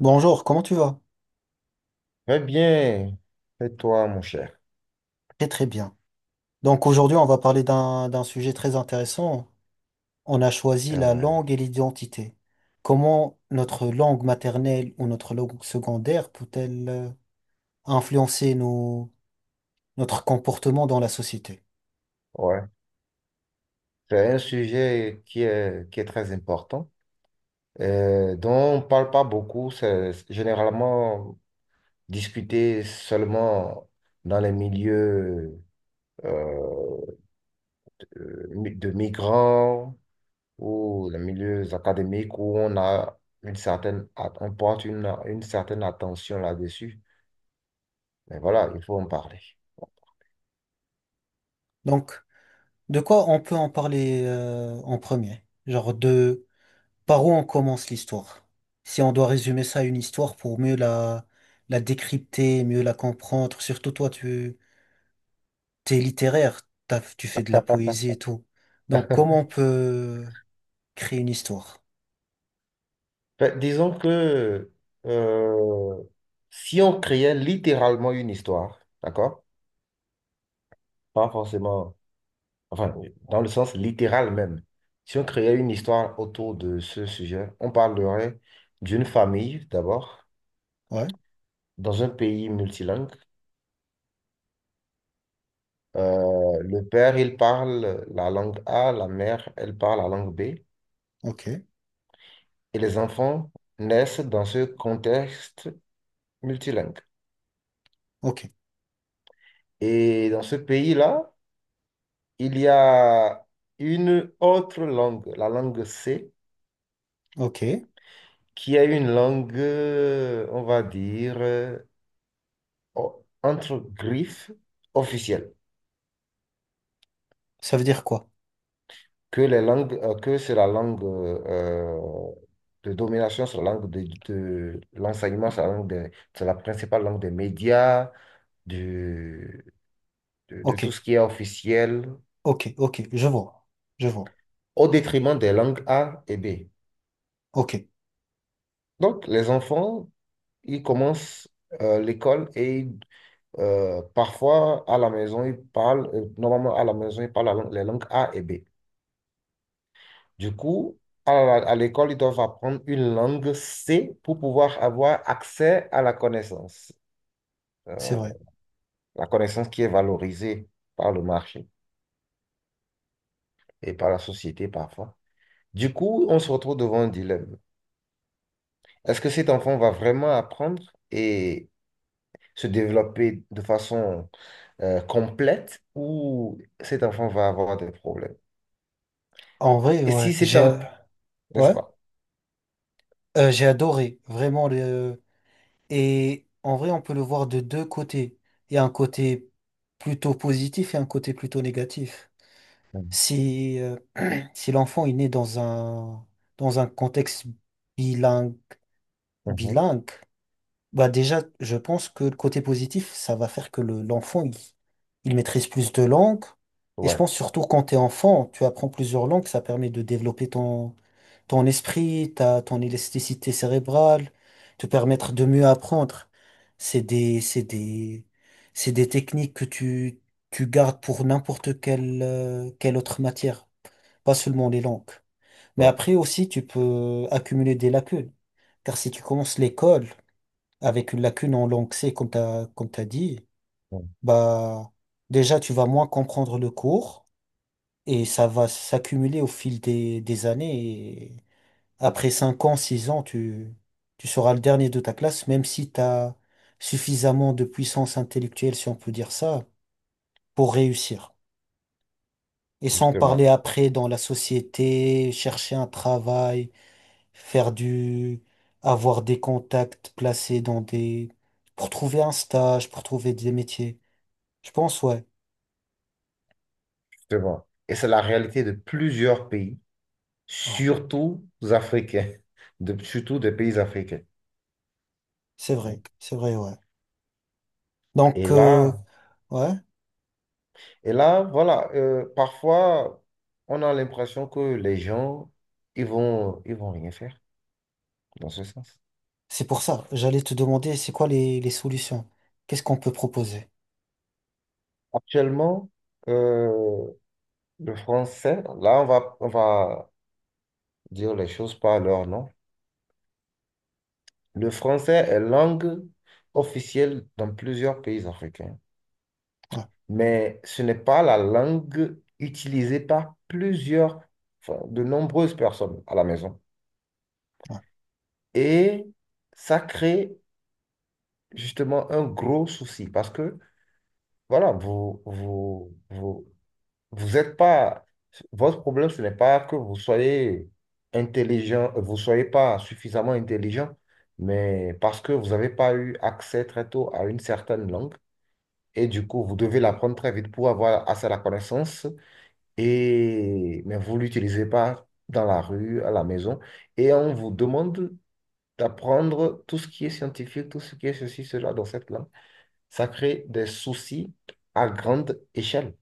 Bonjour, comment tu vas? Très bien. Et toi, mon cher. Très très bien. Donc aujourd'hui, on va parler d'un sujet très intéressant. On a choisi Eh, la ouais. langue et l'identité. Comment notre langue maternelle ou notre langue secondaire peut-elle influencer notre comportement dans la société? Ouais. C'est un sujet qui est très important, dont on ne parle pas beaucoup. C'est généralement discuté seulement dans les milieux euh, de migrants ou les milieux académiques où on a on porte une certaine attention là-dessus. Mais voilà, il faut en parler. Donc, de quoi on peut en parler en premier? Genre de par où on commence l'histoire? Si on doit résumer ça à une histoire pour mieux la décrypter, mieux la comprendre, surtout toi, tu t'es littéraire, tu fais de la poésie et tout. Donc, comment on peut créer une histoire? Ben, disons que euh, si on créait littéralement une histoire, d'accord? Pas forcément. Enfin, dans le sens littéral même. Si on créait une histoire autour de ce sujet, on parlerait d'une famille d'abord, Ouais, dans un pays multilingue. Le père, il parle la langue A, la mère, elle parle la langue B, et ok, les enfants naissent dans ce contexte multilingue. ok, Et dans ce pays-là, il y a une autre langue, la langue C, ok. qui est une langue, on va dire, entre griffes officielles, Ça veut dire quoi? que les langues, que c'est la langue de domination, c'est la langue de l'enseignement, c'est la langue c'est la principale langue des médias, du- de Ok, tout ce qui est officiel, ok, ok, je vois, je vois. au détriment des langues A et B. Ok, Donc, les enfants, ils commencent l'école et ils parfois, à la maison, ils parlent, normalement à la maison, ils parlent la les langues A et B. Du coup, à l'école, ils doivent apprendre une langue C pour pouvoir avoir accès à la connaissance. Euh, c'est vrai. la connaissance qui est valorisée par le marché et par la société parfois. Du coup, on se retrouve devant un dilemme. Est-ce que cet enfant va vraiment apprendre et se développer de façon complète ou cet enfant va avoir des problèmes? En vrai, Et si ouais, c'est un... N'est-ce ouais, pas? J'ai adoré, vraiment. Le... Et en vrai, on peut le voir de deux côtés. Il y a un côté plutôt positif et un côté plutôt négatif. Mhm. Si, euh, si l'enfant est né dans un contexte bilingue, Mhm. bilingue. Bah déjà, je pense que le côté positif, ça va faire que l'enfant, il maîtrise plus de langues. Et je Ouais, pense surtout quand tu es enfant, tu apprends plusieurs langues, ça permet de développer ton esprit, ton élasticité cérébrale, te permettre de mieux apprendre. C'est des, c'est des, c'est des techniques que tu gardes pour n'importe quelle autre matière, pas seulement les langues. Mais ouais. après aussi, tu peux accumuler des lacunes. Car si tu commences l'école avec une lacune en langue C, comme t'as dit, Mhm. bah, déjà, tu vas moins comprendre le cours et ça va s'accumuler au fil des années. Et après 5 ans, 6 ans, tu seras le dernier de ta classe, même si tu as suffisamment de puissance intellectuelle, si on peut dire ça, pour réussir. Et sans parler Justement, après dans la société, chercher un travail, faire du, avoir des contacts placés pour trouver un stage, pour trouver des métiers. Je pense, ouais. justement. Et c'est la réalité de plusieurs pays Ouais. surtout africains, surtout des pays africains. C'est vrai. C'est vrai, ouais. Et Donc, là, ouais. et là, voilà, parfois, on a l'impression que les gens, ils vont rien faire dans ce sens. C'est pour ça. J'allais te demander, c'est quoi les solutions? Qu'est-ce qu'on peut proposer? Actuellement, euh, le français, là, on va dire les choses par leur nom. Le français est langue officielle dans plusieurs pays africains, Ouais, mais ce n'est pas la langue utilisée par plusieurs, enfin, de nombreuses personnes à la maison. ouais, Et ça crée justement un gros souci parce que, voilà, vous êtes pas, votre problème, ce n'est pas que vous soyez intelligent, vous soyez pas suffisamment intelligent, mais parce que vous n'avez pas eu accès très tôt à une certaine langue. Et du coup, vous devez l'apprendre très vite pour avoir assez la connaissance. Mais vous ne l'utilisez pas dans la rue, à la maison. Et on vous demande d'apprendre tout ce qui est scientifique, tout ce qui est ceci, cela dans cette langue, ça crée des soucis à grande échelle,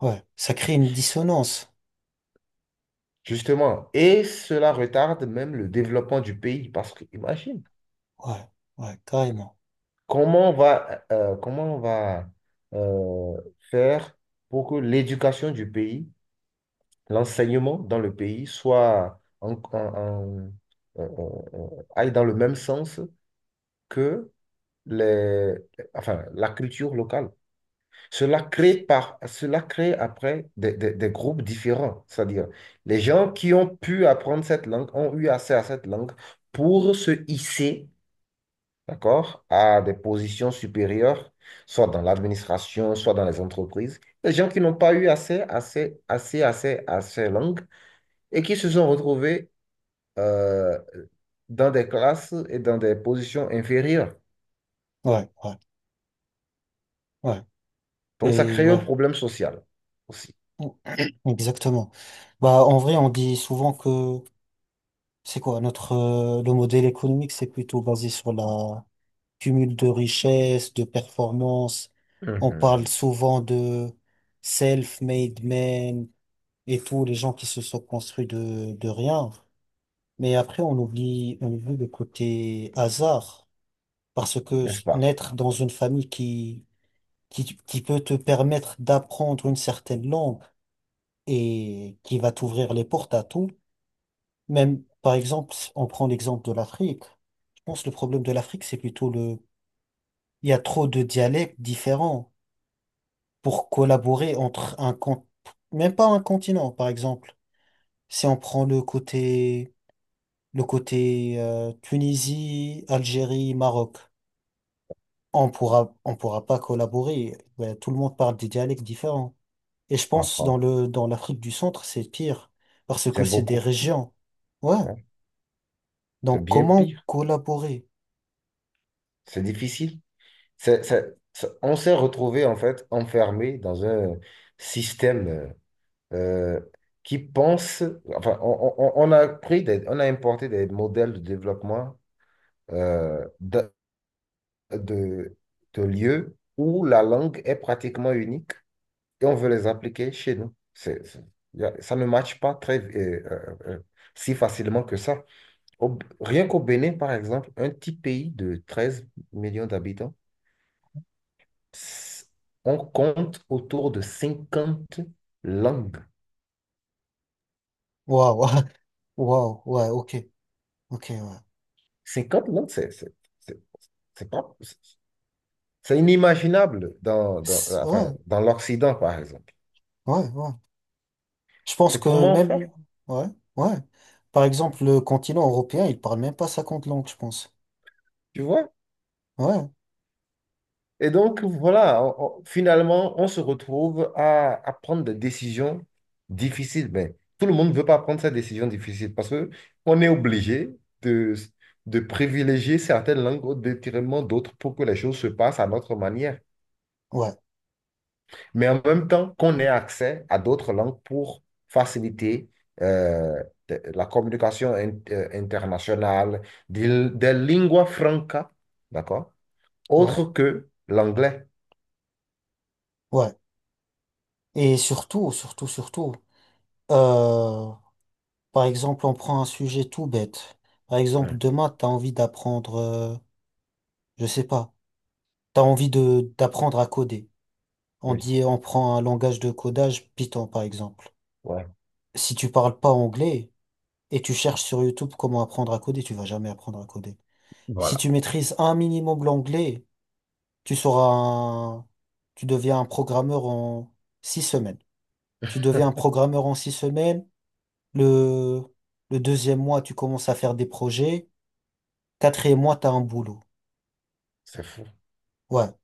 ouais. Ça crée une dissonance. justement. Et cela retarde même le développement du pays parce que, imagine, Ouais, ouais, carrément. Comment on va euh, faire pour que l'éducation du pays, l'enseignement dans le pays soit euh, euh, euh, aille dans le même sens que les, enfin, la culture locale. Cela crée après des groupes différents, c'est-à-dire les gens qui ont pu apprendre cette langue ont eu accès à cette langue pour se hisser, d'accord, à des positions supérieures, soit dans l'administration, soit dans les entreprises. Les gens qui n'ont pas eu accès à ces langues et qui se sont retrouvés euh, dans des classes et dans des positions inférieures. Ouais, ouais, ouais. Donc ça Et crée un ouais. problème social aussi. Exactement. Bah, en vrai, on dit souvent que c'est quoi notre le modèle économique, c'est plutôt basé sur la cumul de richesses, de performances. On parle Mhm. souvent de self-made men et tous les gens qui se sont construits de rien. Mais après, on oublie le côté hasard. Parce que N'est-ce pas? naître dans une famille qui peut te permettre d'apprendre une certaine langue et qui va t'ouvrir les portes à tout, même, par exemple, si on prend l'exemple de l'Afrique. Je pense que le problème de l'Afrique, c'est plutôt il y a trop de dialectes différents, pour collaborer entre même pas un continent, par exemple. Si on prend le côté, Tunisie, Algérie, Maroc, on pourra pas collaborer. Ben, tout le monde parle des dialectes différents. Et je pense dans l'Afrique du Centre, c'est pire parce que C'est c'est des beaucoup pire. régions. Ouais. Ouais. C'est Donc bien comment pire. collaborer? C'est difficile. On s'est retrouvé en fait enfermé dans un système euh, qui pense. Enfin, on a pris on a importé des modèles de développement euh, de, de, de lieux où la langue est pratiquement unique et on veut les appliquer chez nous. Ça ne matche pas très si facilement que ça. Rien qu'au Bénin, par exemple, un petit pays de 13 millions d'habitants, s- on compte autour de 50 langues. Waouh, waouh, ouais, ok, ok, ouais. 50 langues, c'est- c'est pas, c'est inimaginable Ouais, enfin, dans l'Occident, par exemple. ouais, ouais. Je pense Mais que comment faire? même, ouais, ouais. Par exemple, le continent européen, il parle même pas 50 langues, je pense. Tu vois? Ouais, Et donc, voilà, finalement, on se retrouve à prendre des décisions difficiles. Mais tout le monde ne veut pas prendre cette décision difficile parce qu'on est obligé de, de privilégier certaines langues au détriment d'autres pour que les choses se passent à notre manière. ouais, Mais en même temps, qu'on ait accès à d'autres langues pour faciliter euh, la communication internationale, des lingua franca, d'accord? ouais, Autre que l'anglais. ouais. Et surtout, surtout, surtout, euh, par exemple, on prend un sujet tout bête. Par Ouais. exemple, demain, t'as envie d'apprendre, je sais pas, t'as envie de d'apprendre à coder. Oui. On prend un langage de codage, Python, par exemple. Ouais. Si tu parles pas anglais et tu cherches sur YouTube comment apprendre à coder, tu vas jamais apprendre à coder. Si Voilà. tu maîtrises un minimum l'anglais, tu seras un... Tu deviens un programmeur en 6 semaines. Tu deviens un programmeur en six semaines. Le, le deuxième mois, tu commences à faire des projets. Quatrième mois, t'as un boulot. C'est fou. Ouais.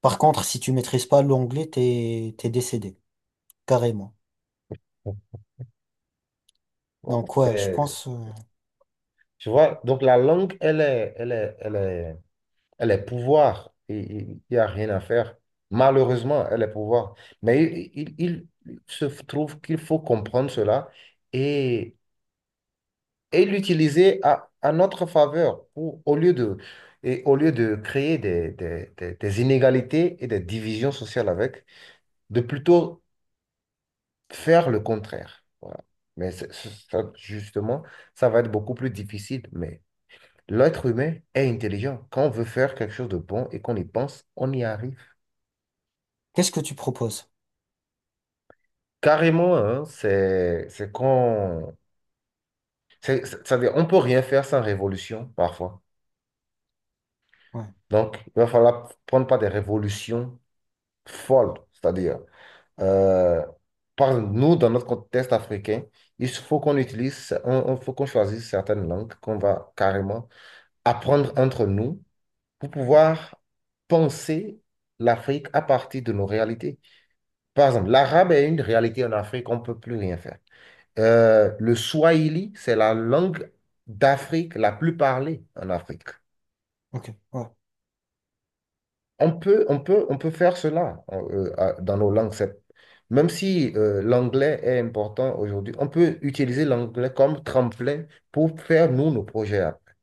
Par contre, si tu maîtrises pas l'anglais, t'es décédé. Carrément. Bon, Donc, ouais, je c'est- pense, Tu vois, donc la langue, elle est pouvoir. Et il n'y a rien à faire. Malheureusement, elle est pouvoir. Mais il se trouve qu'il faut comprendre cela et, et l'utiliser à notre faveur pour, et au lieu de créer des inégalités et des divisions sociales avec, de plutôt faire le contraire. Voilà. Mais ça, justement, ça va être beaucoup plus difficile. Mais l'être humain est intelligent. Quand on veut faire quelque chose de bon et qu'on y pense, on y arrive. qu'est-ce que tu proposes? Carrément, hein, c'est qu'on... Ça veut dire, on peut rien faire sans révolution, parfois. Ouais. Donc, il va falloir prendre pas des révolutions folles. C'est-à-dire, euh, par nous, dans notre contexte africain, il faut qu'on utilise, faut qu'on choisisse certaines langues qu'on va carrément apprendre entre nous pour pouvoir penser l'Afrique à partir de nos réalités. Par exemple, l'arabe est une réalité en Afrique, on ne peut plus rien faire. Le swahili, c'est la langue d'Afrique la plus parlée en Afrique. Ok. Ouais. On peut faire cela dans nos langues. Même si l'anglais est important aujourd'hui, on peut utiliser l'anglais comme tremplin pour faire, nous, nos projets après,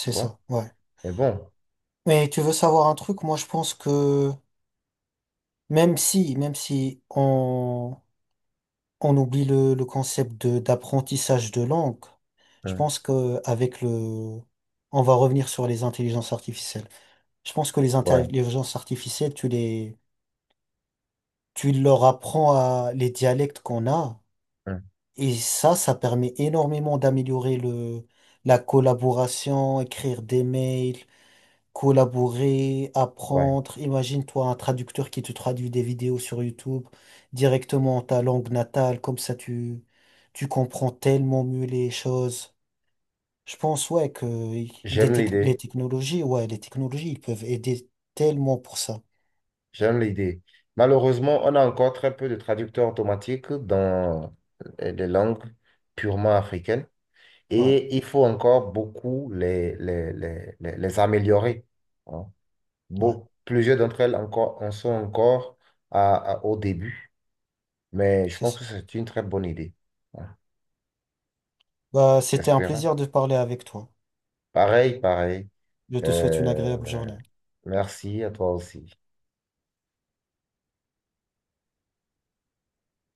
tu ça. vois? Ouais. Mais bon, Mais tu veux savoir un truc? Moi, je pense que même si on oublie le concept de d'apprentissage de langue. Je hein, pense que on va revenir sur les intelligences artificielles. Je pense que les ouais, intelligences artificielles, tu leur apprends à les dialectes qu'on a, hein, et ça permet énormément d'améliorer la collaboration, écrire des mails, collaborer, ouais. apprendre. Imagine-toi un traducteur qui te traduit des vidéos sur YouTube directement en ta langue natale, comme ça tu comprends tellement mieux les choses. Je pense, ouais, que J'aime les l'idée. technologies, ouais, les technologies, ils peuvent aider tellement pour ça. J'aime l'idée. Malheureusement, on a encore très peu de traducteurs automatiques dans les langues purement africaines Ouais, et il faut encore beaucoup les améliorer. Hein. ouais, Plusieurs d'entre elles encore, en sont encore au début, mais je c'est ça. pense que c'est une très bonne idée. Hein. Bah, c'était un Espérons. plaisir de parler avec toi. Pareil, pareil. Je te souhaite une Euh, agréable journée. Merci à toi aussi.